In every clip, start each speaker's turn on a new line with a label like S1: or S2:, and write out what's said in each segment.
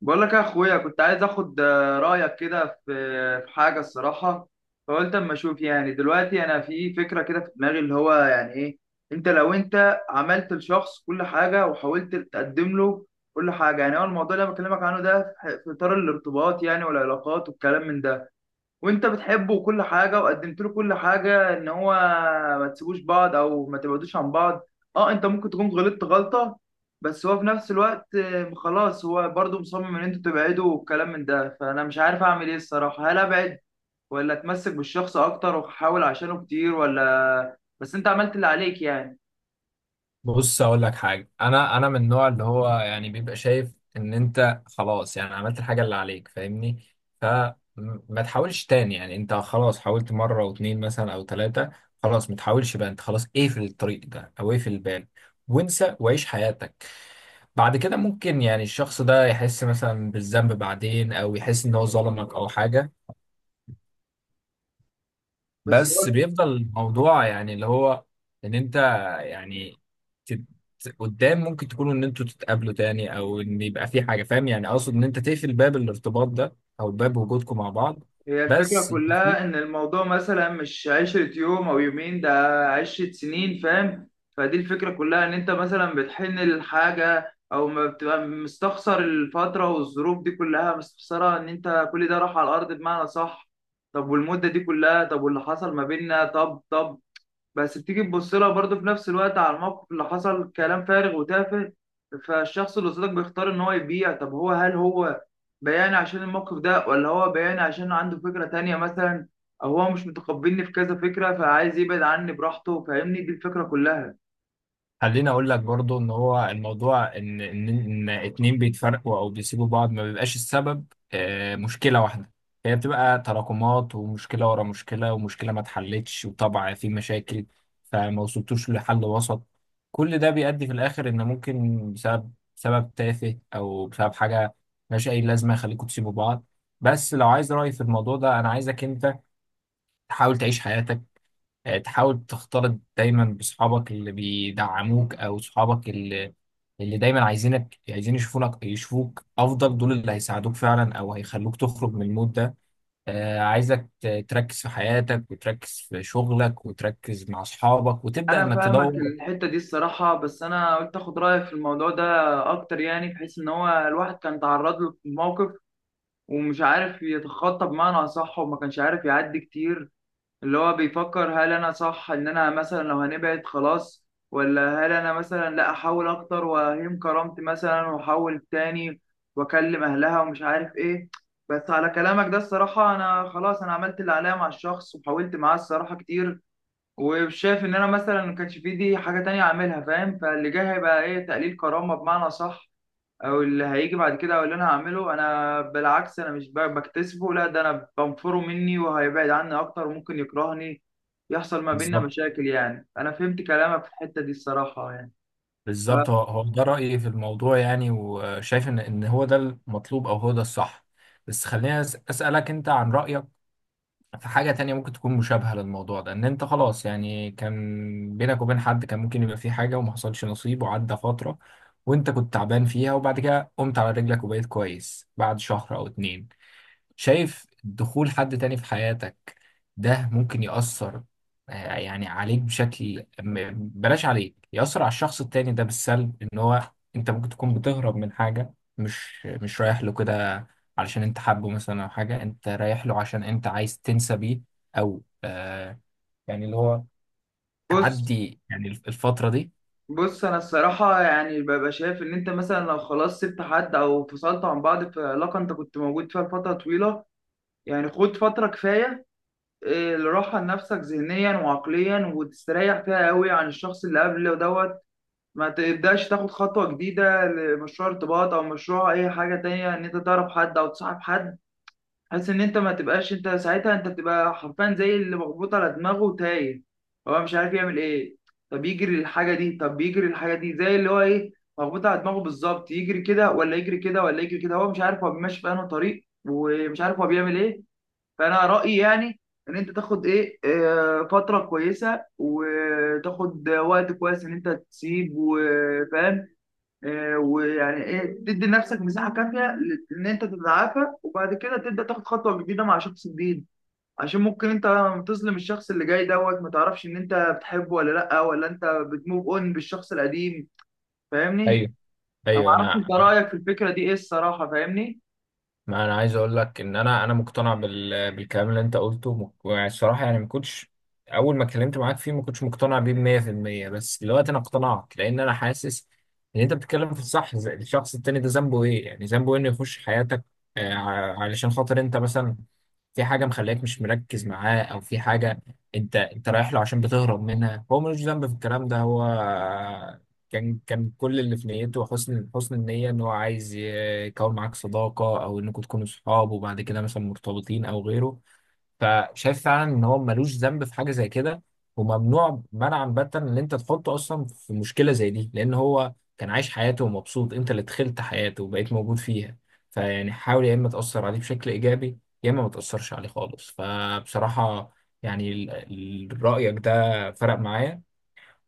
S1: بقول لك يا اخويا، كنت عايز اخد رايك كده في حاجه الصراحه. فقلت اما اشوف، يعني دلوقتي انا في فكره كده في دماغي اللي هو يعني ايه. انت لو انت عملت لشخص كل حاجه وحاولت تقدم له كل حاجه، يعني هو الموضوع اللي انا بكلمك عنه ده في اطار الارتباط يعني والعلاقات والكلام من ده، وانت بتحبه وكل حاجه وقدمت له كل حاجه، ان هو ما تسيبوش بعض او ما تبعدوش عن بعض. اه، انت ممكن تكون غلطت غلطه، بس هو في نفس الوقت خلاص هو برضه مصمم ان انتوا تبعدوا والكلام من ده. فانا مش عارف اعمل ايه الصراحه، هل ابعد ولا اتمسك بالشخص اكتر واحاول عشانه كتير، ولا بس انت عملت اللي عليك يعني؟
S2: بص اقول لك حاجه انا من النوع اللي هو يعني بيبقى شايف ان انت خلاص يعني عملت الحاجه اللي عليك فاهمني. فما تحاولش تاني، يعني انت خلاص حاولت مره واتنين مثلا او ثلاثه. خلاص ما تحاولش بقى، انت خلاص اقفل الطريق ده او اقفل الباب وانسى وعيش حياتك. بعد كده ممكن يعني الشخص ده يحس مثلا بالذنب بعدين، او يحس ان هو ظلمك او حاجه.
S1: بس
S2: بس
S1: هو
S2: بيفضل الموضوع يعني اللي هو ان انت يعني تت... قدام ممكن تكونوا ان انتوا تتقابلوا تاني، او ان يبقى في حاجه، فاهم يعني؟ اقصد ان انت تقفل باب الارتباط ده او باب وجودكم مع بعض.
S1: هي الفكرة
S2: بس في
S1: كلها إن الموضوع مثلا مش 10 يوم أو يومين، ده 10 سنين فاهم. فدي الفكرة كلها، إن أنت مثلا بتحن للحاجة أو ما بتبقى مستخسر الفترة والظروف دي كلها، مستخسرها إن أنت كل ده راح على الأرض بمعنى صح. طب والمدة دي كلها، طب واللي حصل ما بيننا، طب طب بس بتيجي تبص لها برضه في نفس الوقت على الموقف اللي حصل كلام فارغ وتافه. فالشخص اللي قصادك بيختار ان هو يبيع. طب هل هو بياني عشان الموقف ده، ولا هو بياني عشان عنده فكرة تانية مثلا، او هو مش متقبلني في كذا فكرة فعايز يبعد عني براحته. فاهمني، دي الفكرة كلها.
S2: خليني اقول لك برضو ان هو الموضوع، ان اتنين بيتفرقوا او بيسيبوا بعض، ما بيبقاش السبب مشكله واحده. هي بتبقى تراكمات ومشكله ورا مشكله ومشكله ما اتحلتش، وطبعا في مشاكل فما وصلتوش لحل وسط. كل ده بيؤدي في الاخر ان ممكن بسبب سبب تافه او بسبب حاجه ملهاش اي لازمه يخليكوا تسيبوا بعض. بس لو عايز رايي في الموضوع ده، انا عايزك انت تحاول تعيش حياتك، تحاول تختلط دايما بصحابك اللي بيدعموك او صحابك اللي دايما عايزينك، عايزين يشوفونك يشوفوك افضل. دول اللي هيساعدوك فعلا او هيخلوك تخرج من المود ده. عايزك تركز في حياتك، وتركز في شغلك، وتركز مع اصحابك، وتبدا
S1: انا
S2: انك
S1: فاهمك
S2: تدور.
S1: الحتة دي الصراحة، بس انا قلت اخد رأيك في الموضوع ده اكتر، يعني بحيث ان هو الواحد كان تعرض له في موقف ومش عارف يتخطى بمعنى اصح، وما كانش عارف يعدي كتير. اللي هو بيفكر هل انا صح ان انا مثلا لو هنبعد خلاص، ولا هل انا مثلا لا احاول اكتر واهين كرامتي مثلا واحاول تاني واكلم اهلها ومش عارف ايه. بس على كلامك ده الصراحة، انا خلاص انا عملت اللي عليا مع الشخص وحاولت معاه الصراحة كتير، وشايف ان انا مثلا ما كانش في دي حاجة تانية اعملها فاهم. فاللي جاي هيبقى ايه، تقليل كرامة بمعنى صح. او اللي هيجي بعد كده او اللي انا هعمله انا بالعكس، انا مش بكتسبه، لا ده انا بنفره مني وهيبعد عني اكتر وممكن يكرهني، يحصل ما بيننا
S2: بالظبط،
S1: مشاكل يعني. انا فهمت كلامك في الحتة دي الصراحة يعني.
S2: بالظبط، هو هو ده رايي في الموضوع يعني، وشايف ان هو ده المطلوب او هو ده الصح. بس خليني اسالك انت عن رايك في حاجة تانية ممكن تكون مشابهة للموضوع ده. ان انت خلاص يعني كان بينك وبين حد كان ممكن يبقى في حاجة وما حصلش نصيب، وعدى فترة وانت كنت تعبان فيها، وبعد كده قمت على رجلك وبقيت كويس بعد شهر او اتنين. شايف دخول حد تاني في حياتك ده ممكن يأثر يعني عليك بشكل بلاش عليك، يأثر على الشخص التاني ده بالسلب؟ ان هو انت ممكن تكون بتهرب من حاجة، مش رايح له كده علشان انت حابه مثلا، او حاجة انت رايح له عشان انت عايز تنسى بيه، او آه يعني اللي هو
S1: بص،
S2: تعدي يعني الفترة دي.
S1: بص انا الصراحة يعني ببقى شايف ان انت مثلا لو خلاص سبت حد او فصلت عن بعض في علاقة انت كنت موجود فيها لفترة طويلة، يعني خد فترة كفاية لراحة لنفسك ذهنيا وعقليا، وتستريح فيها قوي عن الشخص اللي قبل دوت. ما تبداش تاخد خطوة جديدة لمشروع ارتباط او مشروع اي حاجة تانية، ان انت تعرف حد او تصاحب حد، بحيث ان انت ما تبقاش. انت ساعتها انت بتبقى حرفيا زي اللي مخبوط على دماغه وتايه، هو مش عارف يعمل ايه. طب يجري الحاجة دي زي اللي هو ايه، مخبوط على دماغه بالظبط، يجري كده ولا يجري كده ولا يجري كده، هو مش عارف هو ماشي في انهي طريق، ومش عارف هو بيعمل ايه. فانا رايي يعني ان انت تاخد ايه فتره كويسه وتاخد وقت كويس ان انت تسيب وفاهم، ويعني ايه تدي لنفسك مساحه كافيه ان انت تتعافى، وبعد كده تبدا تاخد خطوه جديده مع شخص جديد. عشان ممكن انت لما تظلم الشخص اللي جاي دوت، ما تعرفش ان انت بتحبه ولا لا، ولا انت بتموف اون بالشخص القديم، فاهمني.
S2: ايوه،
S1: انا ما
S2: ايوه.
S1: اعرفش
S2: انا
S1: انت رايك في الفكره دي ايه الصراحه، فاهمني؟
S2: ما انا عايز اقول لك ان انا مقتنع بالكلام اللي انت قلته الصراحه. يعني ما كنتش اول ما اتكلمت معاك فيه ما كنتش مقتنع بيه 100%، بس دلوقتي انا اقتنعت لان انا حاسس ان انت بتتكلم في الصح. الشخص التاني ده ذنبه ايه؟ يعني ذنبه إيه انه يخش حياتك؟ علشان خاطر انت مثلا في حاجه مخليك مش مركز معاه، او في حاجه انت رايح له عشان بتهرب منها. هو ملوش ذنب في الكلام ده. هو كان كل اللي في نيته حسن النية، ان هو عايز يكون معاك صداقة، او انكم تكونوا صحاب وبعد كده مثلا مرتبطين او غيره. فشايف فعلا ان هو ملوش ذنب في حاجة زي كده، وممنوع منعا باتا ان انت تحطه اصلا في مشكلة زي دي، لان هو كان عايش حياته ومبسوط، انت اللي دخلت حياته وبقيت موجود فيها. فيعني حاول، يا اما تأثر عليه بشكل ايجابي، يا اما ما تأثرش عليه خالص. فبصراحة يعني رأيك ده فرق معايا،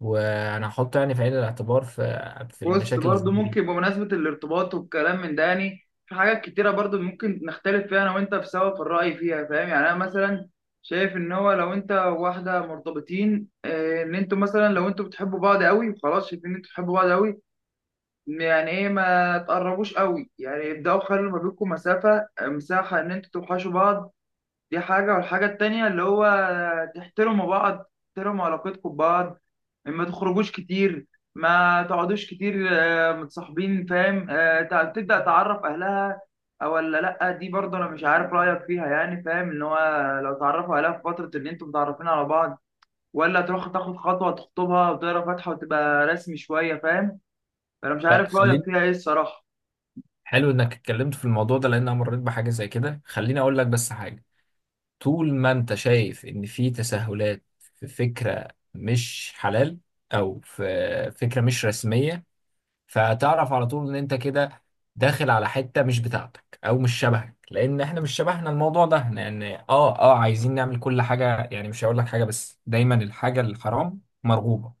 S2: وانا هحط يعني في عين الاعتبار في
S1: بص،
S2: المشاكل اللي زي
S1: برضو
S2: دي.
S1: ممكن بمناسبة الارتباط والكلام من ده، يعني في حاجات كتيرة برضو ممكن نختلف فيها أنا وأنت في سوا في الرأي فيها فاهم. يعني أنا مثلا شايف إن هو لو أنت وواحدة مرتبطين إن أنتوا مثلا لو أنتوا بتحبوا بعض قوي وخلاص شايفين إن أنتوا بتحبوا بعض قوي، يعني إيه، ما تقربوش قوي، يعني ابدأوا خلوا ما بينكم مسافة مساحة، إن أنتوا توحشوا بعض. دي حاجة. والحاجة التانية اللي هو تحترموا بعض، تحترموا علاقتكم ببعض، ما تخرجوش كتير، ما تقعدوش كتير متصاحبين فاهم. تبدأ تعرف أهلها أو ولا لأ، دي برضه أنا مش عارف رأيك فيها يعني. فاهم إن هو لو تعرفوا أهلها في فترة إن أنتوا متعرفين على بعض، ولا تروح تاخد خطوة تخطبها وتقرا فاتحة وتبقى رسمي شوية فاهم. فأنا مش
S2: ف-
S1: عارف رأيك
S2: خليني
S1: فيها إيه الصراحة.
S2: حلو انك اتكلمت في الموضوع ده، لان انا مريت بحاجه زي كده. خليني اقول لك بس حاجه: طول ما انت شايف ان في تساهلات في فكره مش حلال، او في فكره مش رسميه، فتعرف على طول ان انت كده داخل على حته مش بتاعتك او مش شبهك. لان احنا مش شبهنا الموضوع ده، لان عايزين نعمل كل حاجه يعني. مش هقول لك حاجه، بس دايما الحاجه الحرام مرغوبه،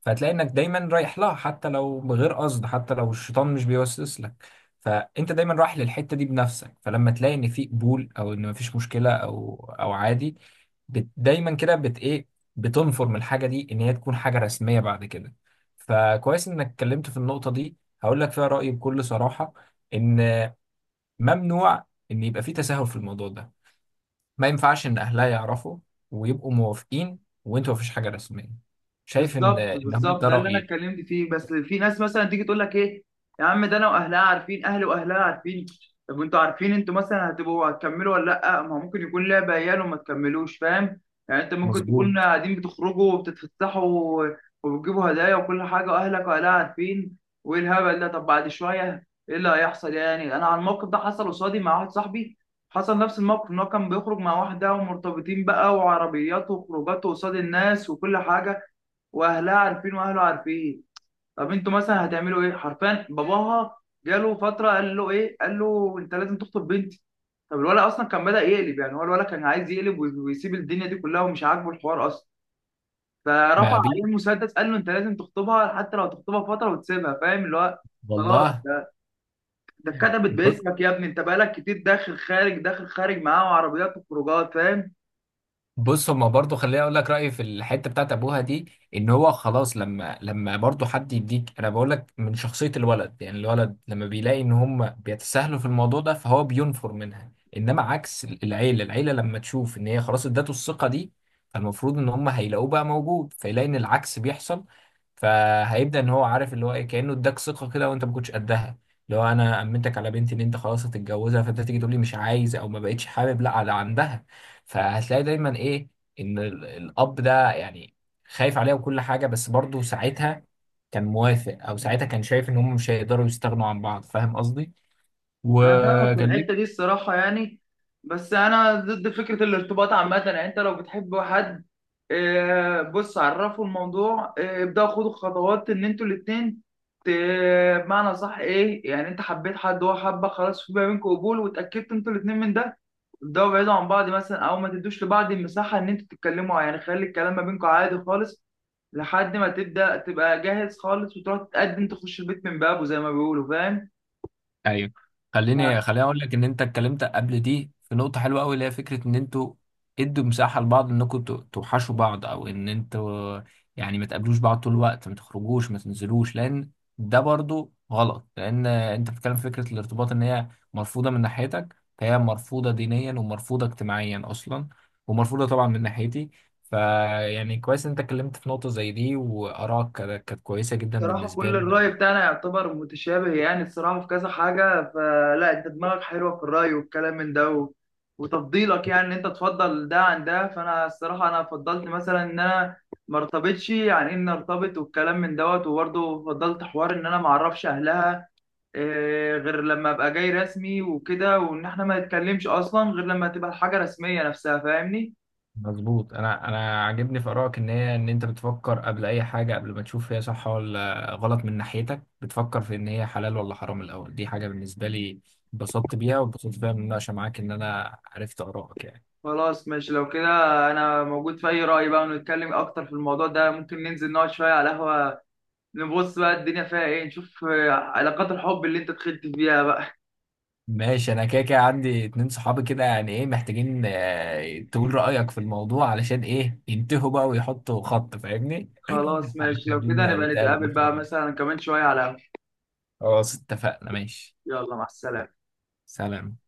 S2: فهتلاقي انك دايما رايح لها حتى لو بغير قصد، حتى لو الشيطان مش بيوسوس لك. فانت دايما رايح للحته دي بنفسك، فلما تلاقي ان في قبول، او ان مفيش مشكله، او عادي، بت دايما كده، بت ايه، بتنفر الحاجه دي ان هي تكون حاجه رسميه بعد كده. فكويس انك اتكلمت في النقطه دي. هقول لك فيها رايي بكل صراحه، ان ممنوع ان يبقى في تساهل في الموضوع ده. ما ينفعش ان اهلها يعرفوا ويبقوا موافقين، وانتوا مفيش حاجه رسميه. شايف؟ ان
S1: بالظبط،
S2: ان هم
S1: بالظبط
S2: ده
S1: ده اللي انا
S2: رايي.
S1: اتكلمت فيه. بس في ناس مثلا تيجي تقول لك ايه، يا عم ده انا واهلها عارفين، اهلي واهلها عارفين. طب انتوا عارفين انتوا مثلا هتكملوا ولا لا؟ ما هو ممكن يكون لعبه عيال وما تكملوش فاهم. يعني انت ممكن تكون
S2: مظبوط.
S1: قاعدين بتخرجوا وبتتفسحوا وبتجيبوا هدايا وكل حاجه، واهلك واهلها عارفين، وايه الهبل ده. طب بعد شويه ايه اللي هيحصل؟ يعني انا على الموقف ده، حصل قصادي مع واحد صاحبي حصل نفس الموقف ان هو كان بيخرج مع واحده ومرتبطين بقى، وعربيات وخروجات قصاد الناس وكل حاجه، واهلها عارفين واهله عارفين. طب انتوا مثلا هتعملوا ايه حرفيا؟ باباها جاله فتره، قال له ايه، قال له انت لازم تخطب بنتي. طب الولد اصلا كان بدا يقلب، يعني هو الولد كان عايز يقلب ويسيب الدنيا دي كلها ومش عاجبه الحوار اصلا. فرفع
S2: ما
S1: عليه
S2: بي
S1: المسدس قال له انت لازم تخطبها، حتى لو تخطبها فتره وتسيبها فاهم اللي هو. خلاص،
S2: والله.
S1: ده اتكتبت
S2: بص،
S1: باسمك يا ابني، انت بقالك كتير داخل خارج داخل خارج معاه، وعربيات وخروجات فاهم.
S2: هما برضو. خليني اقول لك رايي في الحته بتاعت ابوها دي. ان هو خلاص، لما برضو حد يديك، انا بقول لك من شخصيه الولد يعني. الولد لما بيلاقي ان هم بيتساهلوا في الموضوع ده فهو بينفر منها، انما عكس العيله. العيله لما تشوف ان هي خلاص ادته الثقه دي، فالمفروض ان هم هيلاقوه بقى موجود، فيلاقي ان العكس بيحصل. فهيبدا ان هو عارف اللي هو ايه، كانه اداك ثقه كده وانت ما كنتش قدها. اللي هو انا امنتك على بنتي ان انت خلاص هتتجوزها، فانت تيجي تقول لي مش عايز او ما بقتش حابب، لا على عندها. فهتلاقي دايما ايه، ان الاب ده يعني خايف عليها وكل حاجه، بس برضه ساعتها كان موافق، او ساعتها كان شايف ان هم مش هيقدروا يستغنوا عن بعض، فاهم قصدي؟
S1: انا فاهمك في
S2: وكان
S1: الحته
S2: ليه.
S1: دي الصراحه يعني، بس انا ضد فكره الارتباط عامه. يعني انت لو بتحب حد بص عرفه الموضوع، ابداوا خدوا خطوات ان انتوا الاتنين ت- بمعنى صح ايه، يعني انت حبيت حد هو حبك خلاص، في ما بينكم قبول واتاكدت انتوا الاتنين من ده، ابداوا بعيدوا عن بعض مثلا، او ما تدوش لبعض المساحه ان انتوا تتكلموا، يعني خلي الكلام ما بينكم عادي خالص لحد ما تبدا تبقى جاهز خالص، وتروح تتقدم تخش البيت من بابه زي ما بيقولوا فاهم.
S2: ايوه. خليني اقول لك ان انت اتكلمت قبل دي في نقطه حلوه قوي، اللي هي فكره ان انتوا ادوا مساحه لبعض انكم توحشوا بعض، او ان انتوا يعني ما تقابلوش بعض طول الوقت، ما تخرجوش، ما تنزلوش، لان ده برضو غلط. لان انت بتتكلم في فكره الارتباط ان هي مرفوضه من ناحيتك، فهي مرفوضه دينيا ومرفوضه اجتماعيا اصلا، ومرفوضه طبعا من ناحيتي. فيعني كويس ان انت اتكلمت في نقطه زي دي، وارائك كانت كويسه جدا
S1: صراحة
S2: بالنسبه
S1: كل
S2: لي.
S1: الرأي بتاعنا يعتبر متشابه، يعني الصراحة في كذا حاجة. فلا أنت دماغك حلوة في الرأي والكلام من ده وتفضيلك، يعني إن أنت تفضل ده عن ده. فأنا الصراحة أنا فضلت مثلا إن أنا ما ارتبطش يعني، إن ارتبط والكلام من دوت. وبرضه فضلت حوار إن أنا ما أعرفش أهلها غير لما أبقى جاي رسمي وكده، وإن إحنا ما نتكلمش أصلا غير لما تبقى الحاجة رسمية نفسها. فاهمني؟
S2: مظبوط. انا عاجبني في ارائك ان هي ان انت بتفكر قبل اي حاجه، قبل ما تشوف هي صح ولا غلط من ناحيتك، بتفكر في ان هي حلال ولا حرام الاول. دي حاجه بالنسبه لي اتبسطت بيها واتبسطت بيها من المناقشه معاك، ان انا عرفت ارائك يعني.
S1: خلاص ماشي لو كده، انا موجود في اي رأي بقى. ونتكلم اكتر في الموضوع ده، ممكن ننزل نقعد شوية على قهوة، نبص بقى الدنيا فيها ايه، نشوف علاقات الحب اللي انت دخلت فيها بقى.
S2: ماشي، انا كده كده عندي اتنين صحابي كده، يعني ايه، محتاجين تقول رايك في الموضوع علشان ايه ينتهوا بقى ويحطوا خط، فاهمني؟
S1: خلاص ماشي لو كده،
S2: هنخلينا
S1: نبقى
S2: نتقابل
S1: نتقابل
S2: ان شاء
S1: بقى
S2: الله.
S1: مثلا كمان شوية على قهوة.
S2: خلاص، اتفقنا، ماشي.
S1: يلا، مع السلامة.
S2: سلام.